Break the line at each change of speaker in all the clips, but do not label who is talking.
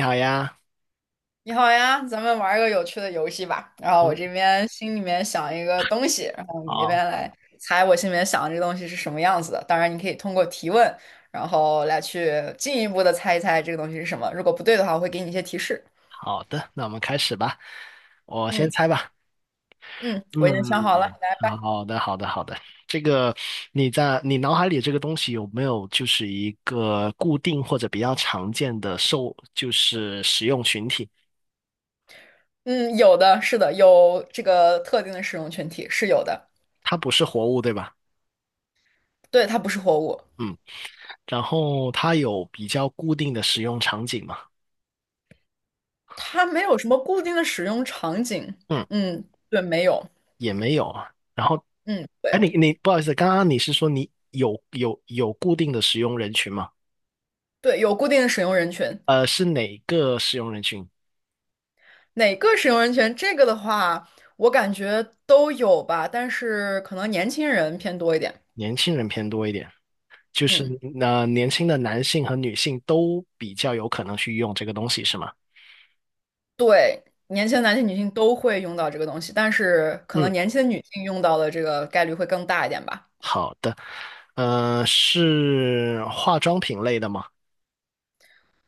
你好呀。
你好呀，咱们玩儿个有趣的游戏吧。然后我
嗯，
这边心里面想一个东西，然后你那边
好。
来猜我心里面想的这个东西是什么样子的。当然，你可以通过提问，然后来去进一步的猜一猜这个东西是什么。如果不对的话，我会给你一些提示。
好的，那我们开始吧。我先
嗯
猜吧。
嗯，我已经想好了。
嗯，好的，好的，好的。这个你在你脑海里这个东西有没有就是一个固定或者比较常见的受就是使用群体？
嗯，有的，是的，有这个特定的使用群体是有的。
它不是活物，对吧？
对，它不是活物，
嗯，然后它有比较固定的使用场景吗？
它没有什么固定的使用场景。
嗯，
嗯，对，没有。
也没有啊。然后，
嗯，对
哎，你不好意思，刚刚你是说你有有固定的使用人群吗？
对，有固定的使用人群。
是哪个使用人群？
哪个使用人群？这个的话，我感觉都有吧，但是可能年轻人偏多一点。
年轻人偏多一点，就是
嗯，
年轻的男性和女性都比较有可能去用这个东西，是吗？
对，年轻的男性、女性都会用到这个东西，但是可能
嗯，
年轻的女性用到的这个概率会更大一点吧。
好的。呃，是化妆品类的吗？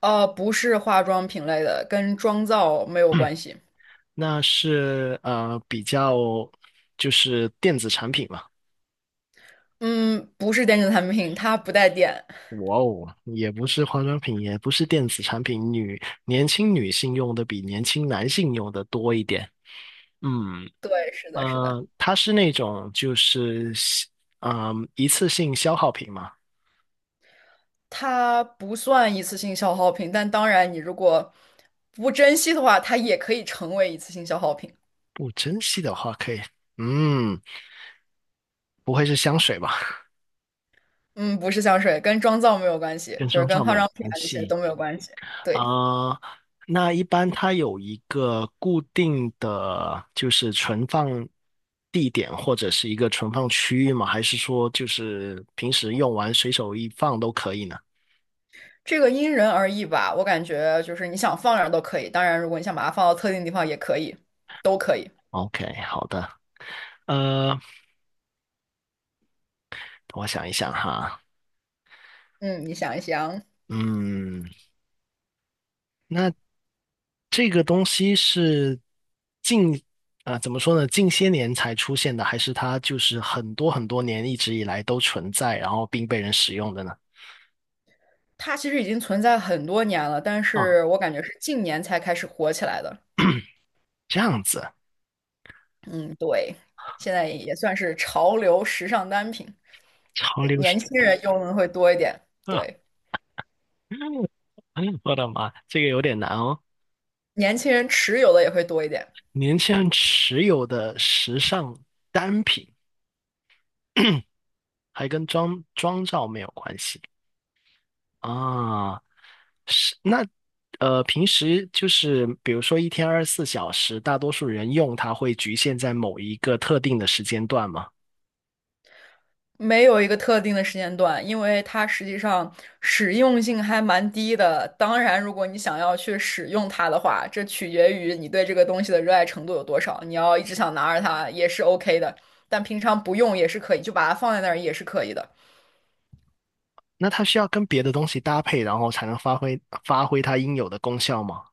不是化妆品类的，跟妆造没有关 系。
那是比较就是电子产品嘛。
嗯，不是电子产品，它不带电。
哇哦，也不是化妆品，也不是电子产品，女年轻女性用的比年轻男性用的多一点。嗯，
对，是的，是的，
呃，它是那种就是嗯、一次性消耗品嘛，
它不算一次性消耗品，但当然，你如果不珍惜的话，它也可以成为一次性消耗品。
不珍惜的话可以，嗯，不会是香水吧？
嗯，不是香水，跟妆造没有关系，
跟
就是
妆
跟
造没
化
有
妆品
关
啊这些
系。
都没有关系。对，
啊、呃那一般它有一个固定的就是存放地点或者是一个存放区域吗？还是说就是平时用完随手一放都可以呢
这个因人而异吧，我感觉就是你想放哪儿都可以，当然如果你想把它放到特定地方也可以，都可以。
？OK,好的，呃，我想一想哈，
嗯，你想一想，
嗯。那这个东西是近啊，怎么说呢？近些年才出现的，还是它就是很多很多年一直以来都存在，然后并被人使用的呢？
它其实已经存在很多年了，但
啊，
是我感觉是近年才开始火起来的。
这样子，
嗯，对，现在也算是潮流时尚单品，
潮流是
年轻人用的会多一点，
啊。
对，
我的妈，这个有点难哦。
年轻人持有的也会多一点。
年轻人持有的时尚单品还跟妆造没有关系啊？是那平时就是比如说一天二十四小时，大多数人用它会局限在某一个特定的时间段吗？
没有一个特定的时间段，因为它实际上实用性还蛮低的。当然，如果你想要去使用它的话，这取决于你对这个东西的热爱程度有多少。你要一直想拿着它也是 OK 的，但平常不用也是可以，就把它放在那儿也是可以的。
那它需要跟别的东西搭配，然后才能发挥它应有的功效吗？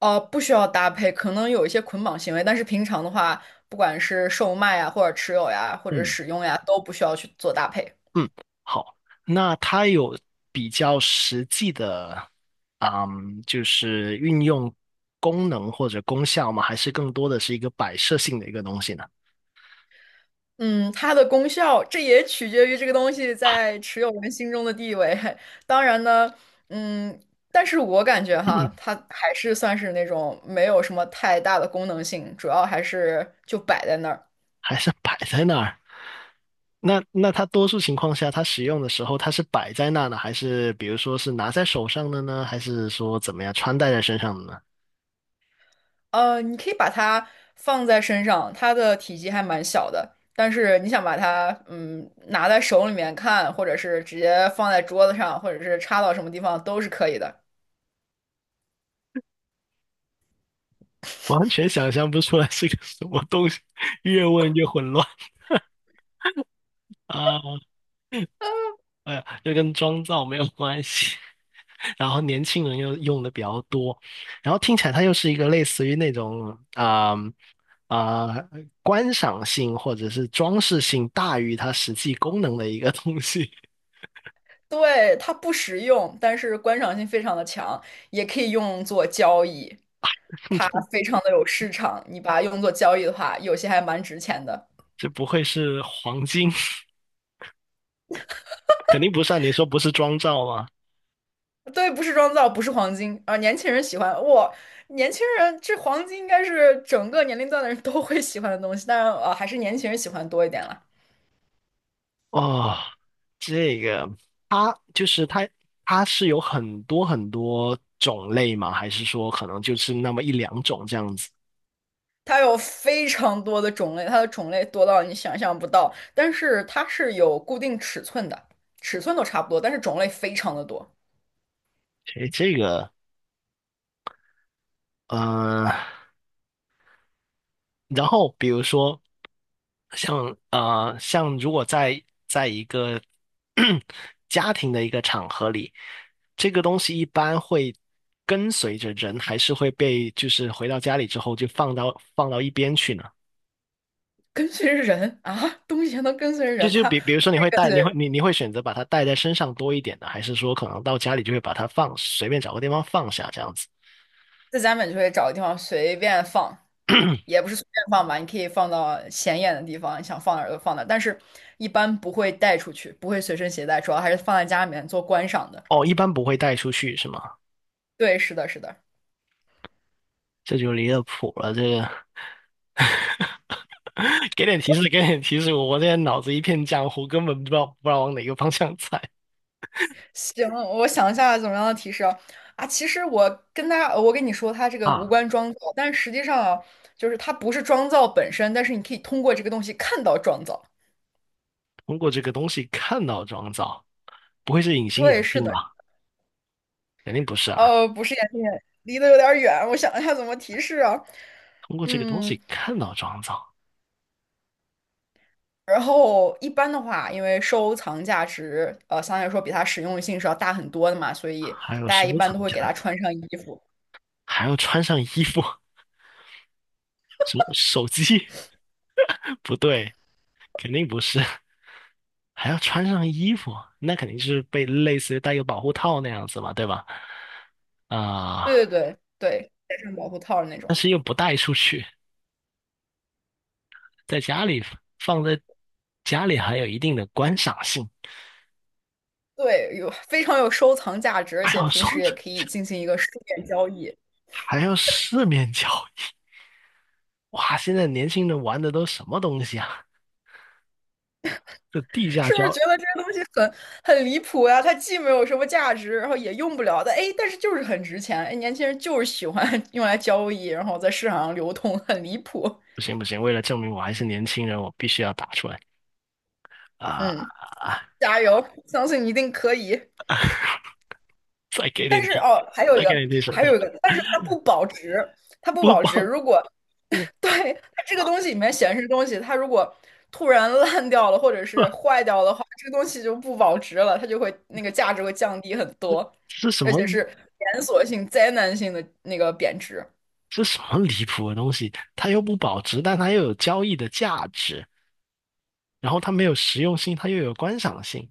哦，不需要搭配，可能有一些捆绑行为，但是平常的话，不管是售卖呀，或者持有呀，或者
嗯。
使用呀，都不需要去做搭配。
嗯，好，那它有比较实际的，嗯，就是运用功能或者功效吗？还是更多的是一个摆设性的一个东西呢？
嗯，它的功效，这也取决于这个东西在持有人心中的地位。当然呢，嗯，但是我感觉哈，它还是算是那种没有什么太大的功能性，主要还是就摆在那儿。
还是摆在那儿？那它多数情况下，它使用的时候，它是摆在那呢，还是比如说是拿在手上的呢，还是说怎么样穿戴在身上的呢？
你可以把它放在身上，它的体积还蛮小的，但是你想把它拿在手里面看，或者是直接放在桌子上，或者是插到什么地方都是可以的。
完全想象不出来是个什么东西，越问越混乱啊！哎呀，这跟妆造没有关系。然后年轻人又用的比较多，然后听起来它又是一个类似于那种啊、观赏性或者是装饰性大于它实际功能的一个东西。
对，它不实用，但是观赏性非常的强，也可以用作交易，它 非常的有市场。你把它用作交易的话，有些还蛮值钱的。
这不会是黄金？肯定不算，你说不是妆造吗？
对，不是妆造，不是黄金啊，年轻人喜欢哇，年轻人这黄金应该是整个年龄段的人都会喜欢的东西，但是啊，还是年轻人喜欢多一点了。
哦，这个它就是它，它是有很多很多种类吗？还是说可能就是那么一两种这样子？
它有非常多的种类，它的种类多到你想象不到，但是它是有固定尺寸的，尺寸都差不多，但是种类非常的多。
诶，这个，呃，然后比如说像如果在一个 家庭的一个场合里，这个东西一般会跟随着人，还是会被就是回到家里之后就放到一边去呢？
跟随着人啊，东西还能跟随着
就
人，
就
它
比如
不
说你
会
会
跟
带，
随
你会
人
你你会选择把它带在身上多一点呢，还是说可能到家里就会把它放，随便找个地方放下这样子？
在家里面就会找个地方随便放，也不是随便放吧，你可以放到显眼的地方，你想放哪儿就放哪儿，但是一般不会带出去，不会随身携带，主要还是放在家里面做观赏的。
哦，一般不会带出去是吗？
对，是的，是的。
这就离了谱了，这个 给点提示，给点提示，我现在脑子一片浆糊，根本不知道不知道往哪个方向猜。
行，我想一下怎么样的提示啊？啊，其实我跟他，我跟你说，它这 个无
啊！
关妆造，但实际上啊，就是它不是妆造本身，但是你可以通过这个东西看到妆造。
通过这个东西看到妆造，不会是隐形
对，
眼
是
镜
的。
吧？肯定不是啊！
不是眼镜眼，离得有点儿远，我想一下怎么提示啊。
通过这个东
嗯，
西看到妆造，
然后一般的话，因为收藏价值，相对来说比它实用性是要大很多的嘛，所以
还有
大家
收
一般
藏
都会给
价
它
值，
穿上衣服。
还要穿上衣服，什么手机？不对，肯定不是。还要穿上衣服，那肯定是被类似于带个保护套那样子嘛，对吧？啊、
对对对对，戴上保护套的那
但
种。
是又不带出去，在家里放在家里还有一定的观赏性，
对，有非常有收藏价值，而
还
且
要
平
说
时也可以进行一个书面交易。
还要四面 交易，哇！现在年轻人玩的都什么东西啊？这地下
是不是
交。
觉得这些东西很离谱呀、它既没有什么价值，然后也用不了的，哎，但是就是很值钱，哎，年轻人就是喜欢 用来交易，然后在市场上流通，很离谱。
不行不行，为了证明我还是年轻人，我必须要打出来啊！
嗯，加油，相信你一定可以。
再给
但
点
是
提，
哦，还有一
再给
个，
点提手
还
段，
有一个，但是它不保值，它不
不
保值。
报
如果
不，
对它这个东西里面显示东西，它如果突然烂掉了或者是坏掉的话，这个东西就不保值了，它就会那个价值会降低很多，
这是什
而且
么，
是连锁性、灾难性的那个贬值。
这什么离谱的东西？它又不保值，但它又有交易的价值，然后它没有实用性，它又有观赏性，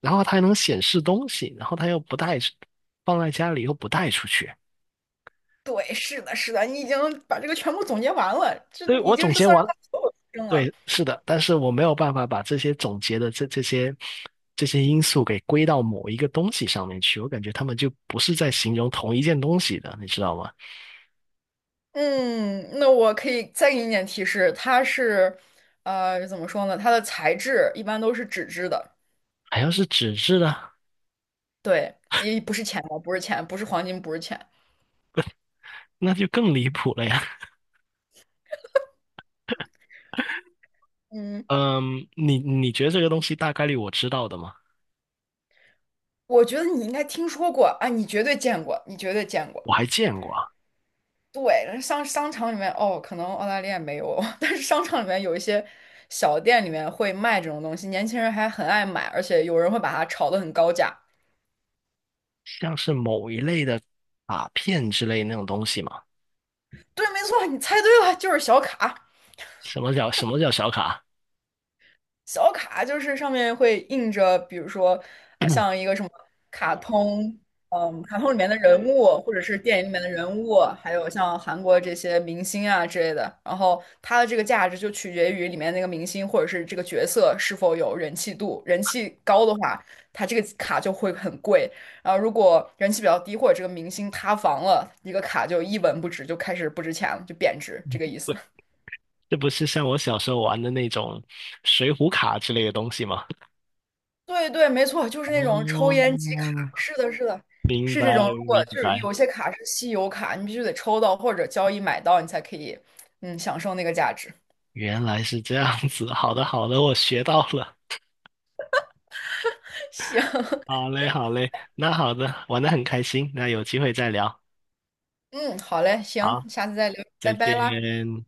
然后它还能显示东西，然后它又不带，放在家里又不带出去。
对，是的，是的，你已经把这个全部总结完了，这
所以
已
我
经
总
是
结
算是
完
它
了，
所有特征了。
对，是的，但是我没有办法把这些总结的这些这些因素给归到某一个东西上面去，我感觉他们就不是在形容同一件东西的，你知道吗？
嗯，那我可以再给你一点提示，它是，怎么说呢？它的材质一般都是纸质的，
还要是纸质的，
对，也不是钱包，不是钱，不是黄金，不是钱。
那就更离谱了呀。
嗯，
嗯，你觉得这个东西大概率我知道的吗？
我觉得你应该听说过啊，你绝对见过，你绝对见过。
我还见过啊，
对，商场里面哦，可能澳大利亚没有，但是商场里面有一些小店里面会卖这种东西，年轻人还很爱买，而且有人会把它炒得很高价。
像是某一类的卡片之类那种东西嘛。
对，没错，你猜对了，就是小卡。
什么叫小卡？
小卡就是上面会印着，比如说，像一个什么卡通，嗯，卡通里面的人物，或者是电影里面的人物，还有像韩国这些明星啊之类的。然后它的这个价值就取决于里面那个明星或者是这个角色是否有人气度，人气高的话，它这个卡就会很贵。然后如果人气比较低，或者这个明星塌房了，一个卡就一文不值，就开始不值钱了，就贬值，这个意思。
对，这不是像我小时候玩的那种水浒卡之类的东西吗？
对对，没错，就是那种抽烟集卡，
哦，
是的，是的，
明
是
白，
这种。如果
明
就是
白，
有些卡是稀有卡，你必须得抽到或者交易买到，你才可以，嗯，享受那个价值。
原来是这样子。好的好的，我学到了。
行，
好嘞好嘞，那好的，玩的很开心，那有机会再聊。
嗯，好嘞，行，
好，
下次再聊，拜
再
拜啦。
见。